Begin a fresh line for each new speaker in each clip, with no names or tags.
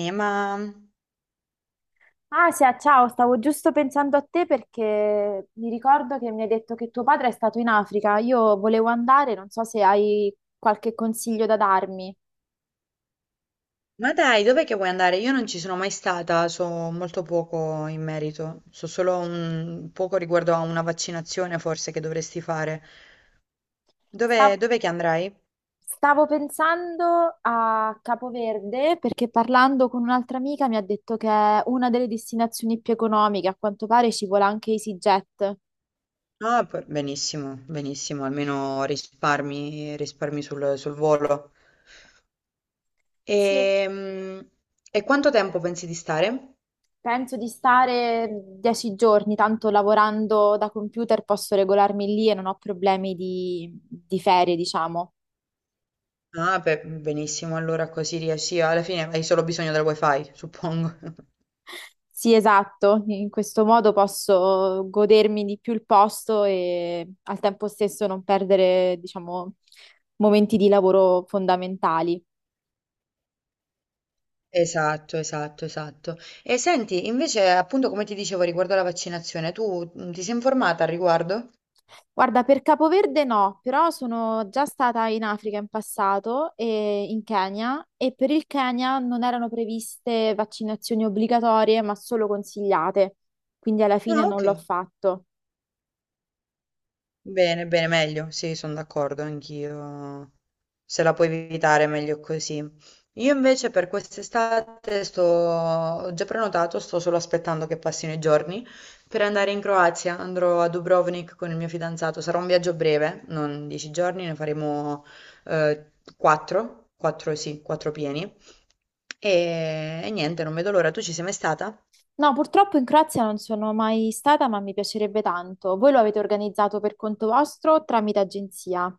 Eh, ma...
Asia, ciao, stavo giusto pensando a te perché mi ricordo che mi hai detto che tuo padre è stato in Africa. Io volevo andare, non so se hai qualche consiglio da darmi.
ma dai, dov'è che vuoi andare? Io non ci sono mai stata, so molto poco in merito. So solo un poco riguardo a una vaccinazione forse che dovresti fare.
Sta-
Dov'è che andrai?
Stavo pensando a Capoverde perché parlando con un'altra amica mi ha detto che è una delle destinazioni più economiche, a quanto pare ci vuole anche EasyJet.
Ah, benissimo, benissimo, almeno risparmi sul volo.
Sì.
Ehm, E quanto tempo pensi di stare?
Penso di stare 10 giorni, tanto lavorando da computer posso regolarmi lì e non ho problemi di ferie, diciamo.
Ah, beh, benissimo, allora così riesci, alla fine hai solo bisogno del wifi, suppongo.
Sì, esatto, in questo modo posso godermi di più il posto e al tempo stesso non perdere, diciamo, momenti di lavoro fondamentali.
Esatto, esatto, esatto. E senti, invece, appunto, come ti dicevo riguardo alla vaccinazione, tu ti sei informata al riguardo?
Guarda, per Capoverde no, però sono già stata in Africa in passato e in Kenya e per il Kenya non erano previste vaccinazioni obbligatorie, ma solo consigliate, quindi alla fine
Ah,
non
ok.
l'ho fatto.
Bene, bene, meglio, sì, sono d'accordo, anch'io. Se la puoi evitare, meglio così. Io invece per quest'estate sto... Ho già prenotato, sto solo aspettando che passino i giorni per andare in Croazia. Andrò a Dubrovnik con il mio fidanzato. Sarà un viaggio breve, non 10 giorni, ne faremo eh, quattro, quattro pieni. E niente, non vedo l'ora. Tu ci sei mai stata?
No, purtroppo in Croazia non sono mai stata, ma mi piacerebbe tanto. Voi lo avete organizzato per conto vostro o tramite agenzia?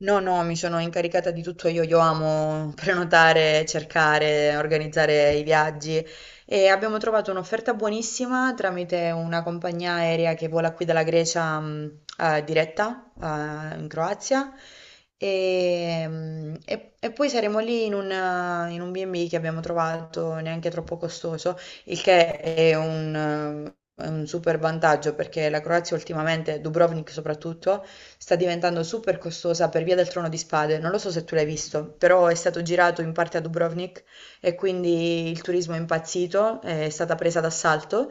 No, no, mi sono incaricata di tutto io amo prenotare, cercare, organizzare i viaggi e abbiamo trovato un'offerta buonissima tramite una compagnia aerea che vola qui dalla Grecia diretta in Croazia e poi saremo lì in un B&B che abbiamo trovato neanche troppo costoso, il che è un super vantaggio, perché la Croazia ultimamente, Dubrovnik soprattutto, sta diventando super costosa per via del Trono di Spade. Non lo so se tu l'hai visto, però è stato girato in parte a Dubrovnik e quindi il turismo è impazzito, è stata presa d'assalto.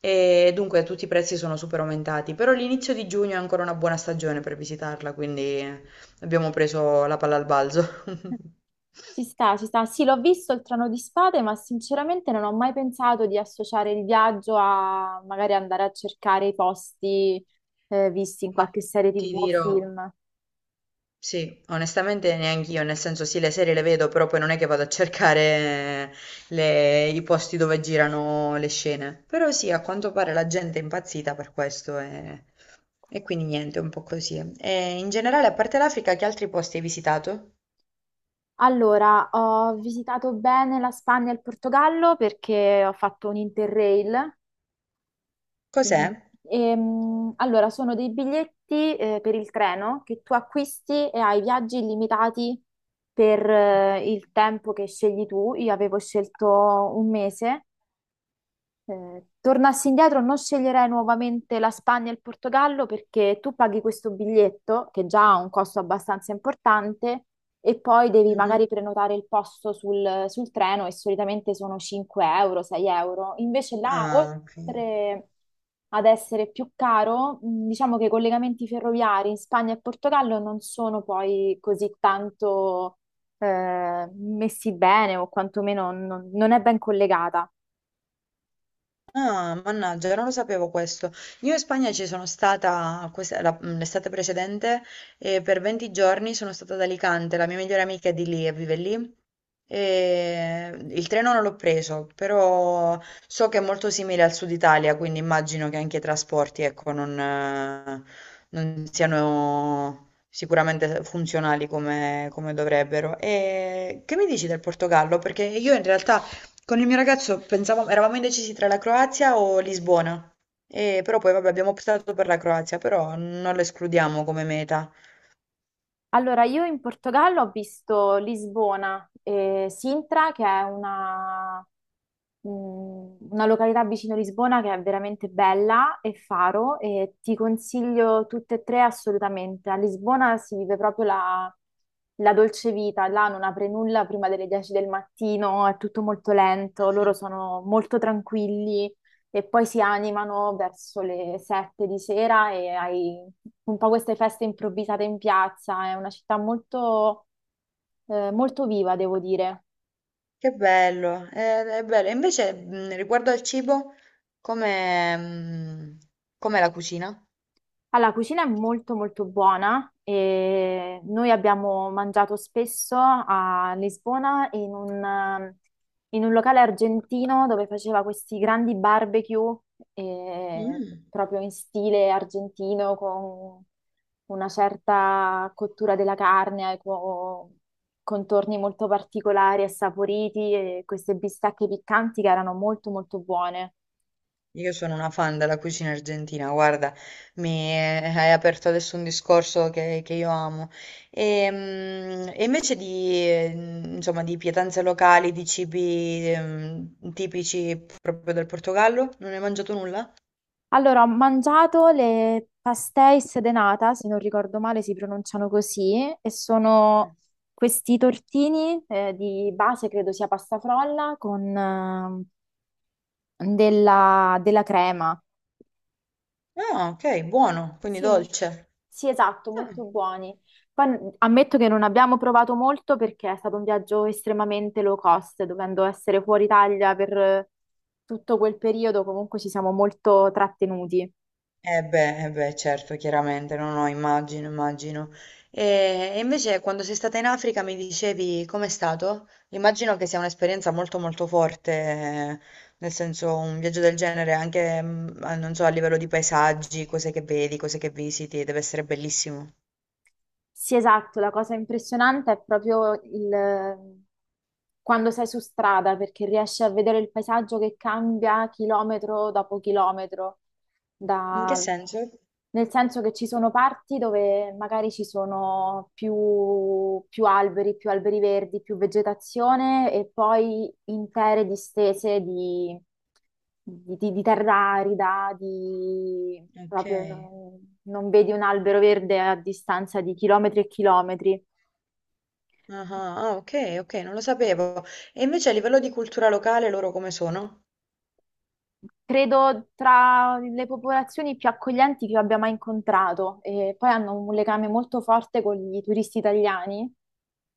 E dunque tutti i prezzi sono super aumentati, però l'inizio di giugno è ancora una buona stagione per visitarla, quindi abbiamo preso la palla al balzo.
Ci sta, ci sta. Sì, l'ho visto il Trono di Spade, ma sinceramente non ho mai pensato di associare il viaggio a magari andare a cercare i posti visti in
Ma
qualche serie
ti
TV o
dirò,
film.
sì, onestamente neanch'io, nel senso sì, le serie le vedo, però poi non è che vado a cercare eh, i posti dove girano le scene. Però sì, a quanto pare la gente è impazzita per questo e quindi niente, un po' così. E in generale, a parte l'Africa, che altri posti hai visitato?
Allora, ho visitato bene la Spagna e il Portogallo perché ho fatto un Interrail.
Cos'è?
Quindi, allora, sono dei biglietti per il treno che tu acquisti e hai viaggi illimitati per il
Ok.
tempo che scegli tu. Io avevo scelto un mese, tornassi indietro, non sceglierei nuovamente la Spagna e il Portogallo perché tu paghi questo biglietto, che già ha un costo abbastanza importante, e poi devi
Mhm.
magari prenotare il posto sul treno e solitamente sono 5 euro, 6 euro. Invece là,
Ah, ok.
oltre ad essere più caro, diciamo che i collegamenti ferroviari in Spagna e Portogallo non sono poi così tanto messi bene o quantomeno non è ben collegata.
Ah, mannaggia, non lo sapevo questo. Io in Spagna ci sono stata questa- la- mm, l'estate precedente e per 20 giorni sono stata ad Alicante, la mia migliore amica è di lì e vive lì. E il treno non l'ho preso, però so che è molto simile al sud Italia, quindi immagino che anche i trasporti, ecco, non siano sicuramente funzionali come dovrebbero. E che mi dici del Portogallo? Perché io in realtà... Con il mio ragazzo pensavamo, eravamo indecisi tra la Croazia o Lisbona, però poi vabbè, abbiamo optato per la Croazia, però non lo escludiamo come meta.
Allora, io in Portogallo ho visto Lisbona e Sintra, che è mh, una località vicino Lisbona che è veramente bella, e Faro, e ti consiglio tutte e tre assolutamente. A Lisbona si vive proprio la, la dolce vita, là non apre nulla prima delle 10 del mattino, è tutto molto lento, loro
Mhm.
sono molto tranquilli e poi si animano verso le 7 di sera e hai un po' queste feste improvvisate in piazza. È una città molto, molto viva, devo dire.
Che bello, è, bello. E invece riguardo al cibo, come, mh, com'è la cucina?
Allora, la cucina è molto molto buona e noi abbiamo mangiato spesso a Lisbona in un locale argentino dove faceva questi grandi barbecue eh,
Mm.
proprio in stile argentino con una certa cottura della carne, con contorni molto particolari e saporiti e queste bistecche piccanti che erano molto molto buone.
Io sono una fan della cucina argentina, guarda, mi hai aperto adesso un discorso che io amo. E invece di, insomma, di pietanze locali, di cibi, tipici proprio del Portogallo, non hai mangiato nulla?
Allora, ho mangiato le pastéis de nata, se non ricordo male si pronunciano così, e sono questi tortini di base, credo sia pasta frolla, con della, della crema.
No, ok, buono, quindi
Sì,
dolce.
sì, esatto, molto buoni. Poi ammetto che non abbiamo provato molto perché è stato un viaggio estremamente low cost, dovendo essere fuori Italia per tutto quel periodo, comunque ci siamo molto trattenuti.
Eh beh, certo, chiaramente, no, no, immagino, immagino. E invece quando sei stata in Africa mi dicevi com'è stato? Immagino che sia un'esperienza molto molto forte, nel senso un viaggio del genere, anche, non so, a livello di paesaggi, cose che vedi, cose che visiti, deve essere bellissimo.
Sì, esatto, la cosa impressionante è proprio il, quando sei su strada, perché riesci a vedere il paesaggio che cambia chilometro dopo chilometro,
In che
da-
senso?
nel senso che ci sono parti dove magari ci sono più, più alberi verdi, più vegetazione e poi intere distese di, di terra arida, di
Ok.
proprio non, non vedi un albero verde a distanza di chilometri e chilometri.
Ah, ah, ah, ok, ok, non lo sapevo. E invece a livello di cultura locale loro come sono?
Credo tra le popolazioni più accoglienti che io abbia mai incontrato e poi hanno un legame molto forte con i turisti italiani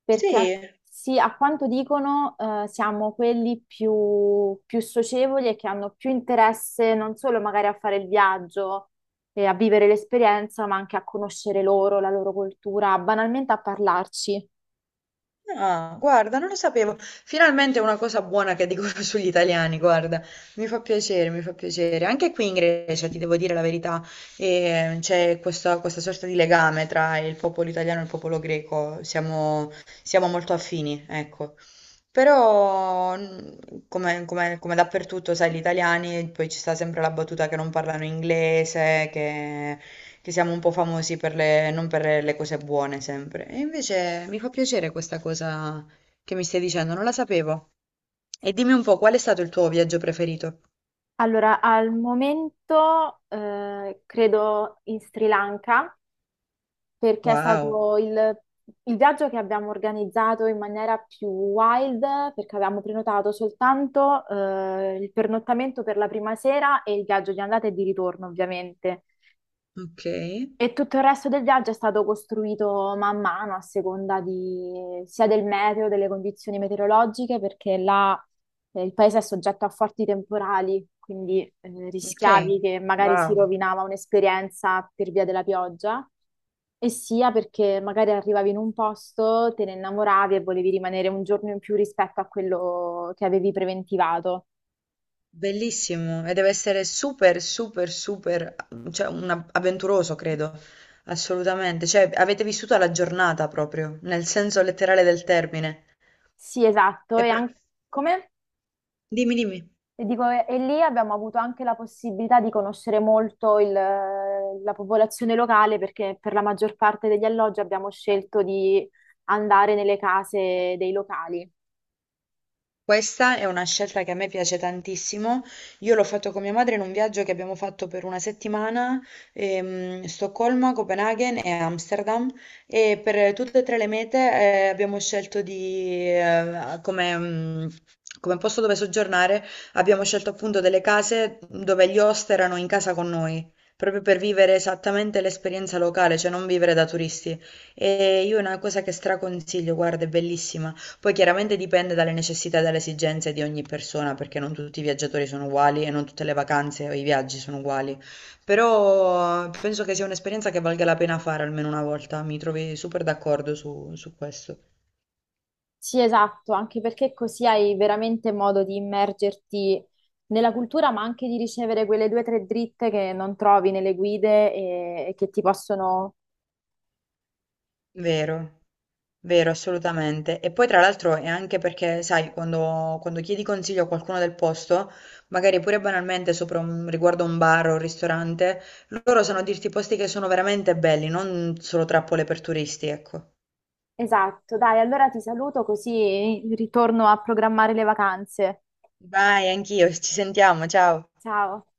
perché
Sì.
sì, a quanto dicono siamo quelli più, più socievoli e che hanno più interesse non solo magari a fare il viaggio e a vivere l'esperienza, ma anche a conoscere loro, la loro cultura, banalmente a parlarci.
Ah, guarda, non lo sapevo. Finalmente una cosa buona che dicono sugli italiani, guarda. Mi fa piacere, mi fa piacere. Anche qui in Grecia, ti devo dire la verità, c'è questa sorta di legame tra il popolo italiano e il popolo greco. Siamo molto affini, ecco. Però, come dappertutto, sai, gli italiani, poi ci sta sempre la battuta che non parlano inglese, che siamo un po' famosi per le, non per le cose buone sempre. E invece mi fa piacere questa cosa che mi stai dicendo, non la sapevo. E dimmi un po', qual è stato il tuo viaggio preferito?
Allora, al momento credo in Sri Lanka perché è
Wow,
stato il viaggio che abbiamo organizzato in maniera più wild, perché avevamo prenotato soltanto il pernottamento per la prima sera e il viaggio di andata e di ritorno, ovviamente.
ok,
E tutto il resto del viaggio è stato costruito man mano a seconda di, sia del meteo, delle condizioni meteorologiche, perché là il paese è soggetto a forti temporali, quindi
ok,
rischiavi che magari
wow,
si rovinava un'esperienza per via della pioggia, e sia perché magari arrivavi in un posto, te ne innamoravi e volevi rimanere un giorno in più rispetto a quello che avevi preventivato.
bellissimo. E deve essere super, super, super, cioè avventuroso, credo, assolutamente. Cioè, avete vissuto la giornata proprio, nel senso letterale del termine.
Sì, esatto.
E
E
per-
anche come?
Dimmi, dimmi.
E dico, e lì abbiamo avuto anche la possibilità di conoscere molto il, la popolazione locale perché per la maggior parte degli alloggi abbiamo scelto di andare nelle case dei locali.
Questa è una scelta che a me piace tantissimo. Io l'ho fatto con mia madre in un viaggio che abbiamo fatto per una settimana, Stoccolma, Copenaghen e Amsterdam e per tutte e tre le mete abbiamo scelto come posto dove soggiornare, abbiamo scelto appunto delle case dove gli host erano in casa con noi. Proprio per vivere esattamente l'esperienza locale, cioè non vivere da turisti. E io è una cosa che straconsiglio, guarda, è bellissima. Poi chiaramente dipende dalle necessità e dalle esigenze di ogni persona, perché non tutti i viaggiatori sono uguali e non tutte le vacanze o i viaggi sono uguali. Però penso che sia un'esperienza che valga la pena fare almeno una volta. Mi trovi super d'accordo su questo.
Sì, esatto, anche perché così hai veramente modo di immergerti nella cultura, ma anche di ricevere quelle due o tre dritte che non trovi nelle guide e che ti possono...
Vero. Vero, assolutamente. E poi tra l'altro è anche perché, sai, quando chiedi consiglio a qualcuno del posto, magari pure banalmente sopra un, riguardo a un bar o un ristorante, loro sanno dirti posti che sono veramente belli, non solo trappole per turisti, ecco.
Esatto, dai, allora ti saluto così ritorno a programmare le vacanze.
Vai, anch'io, ci sentiamo, ciao.
Ciao.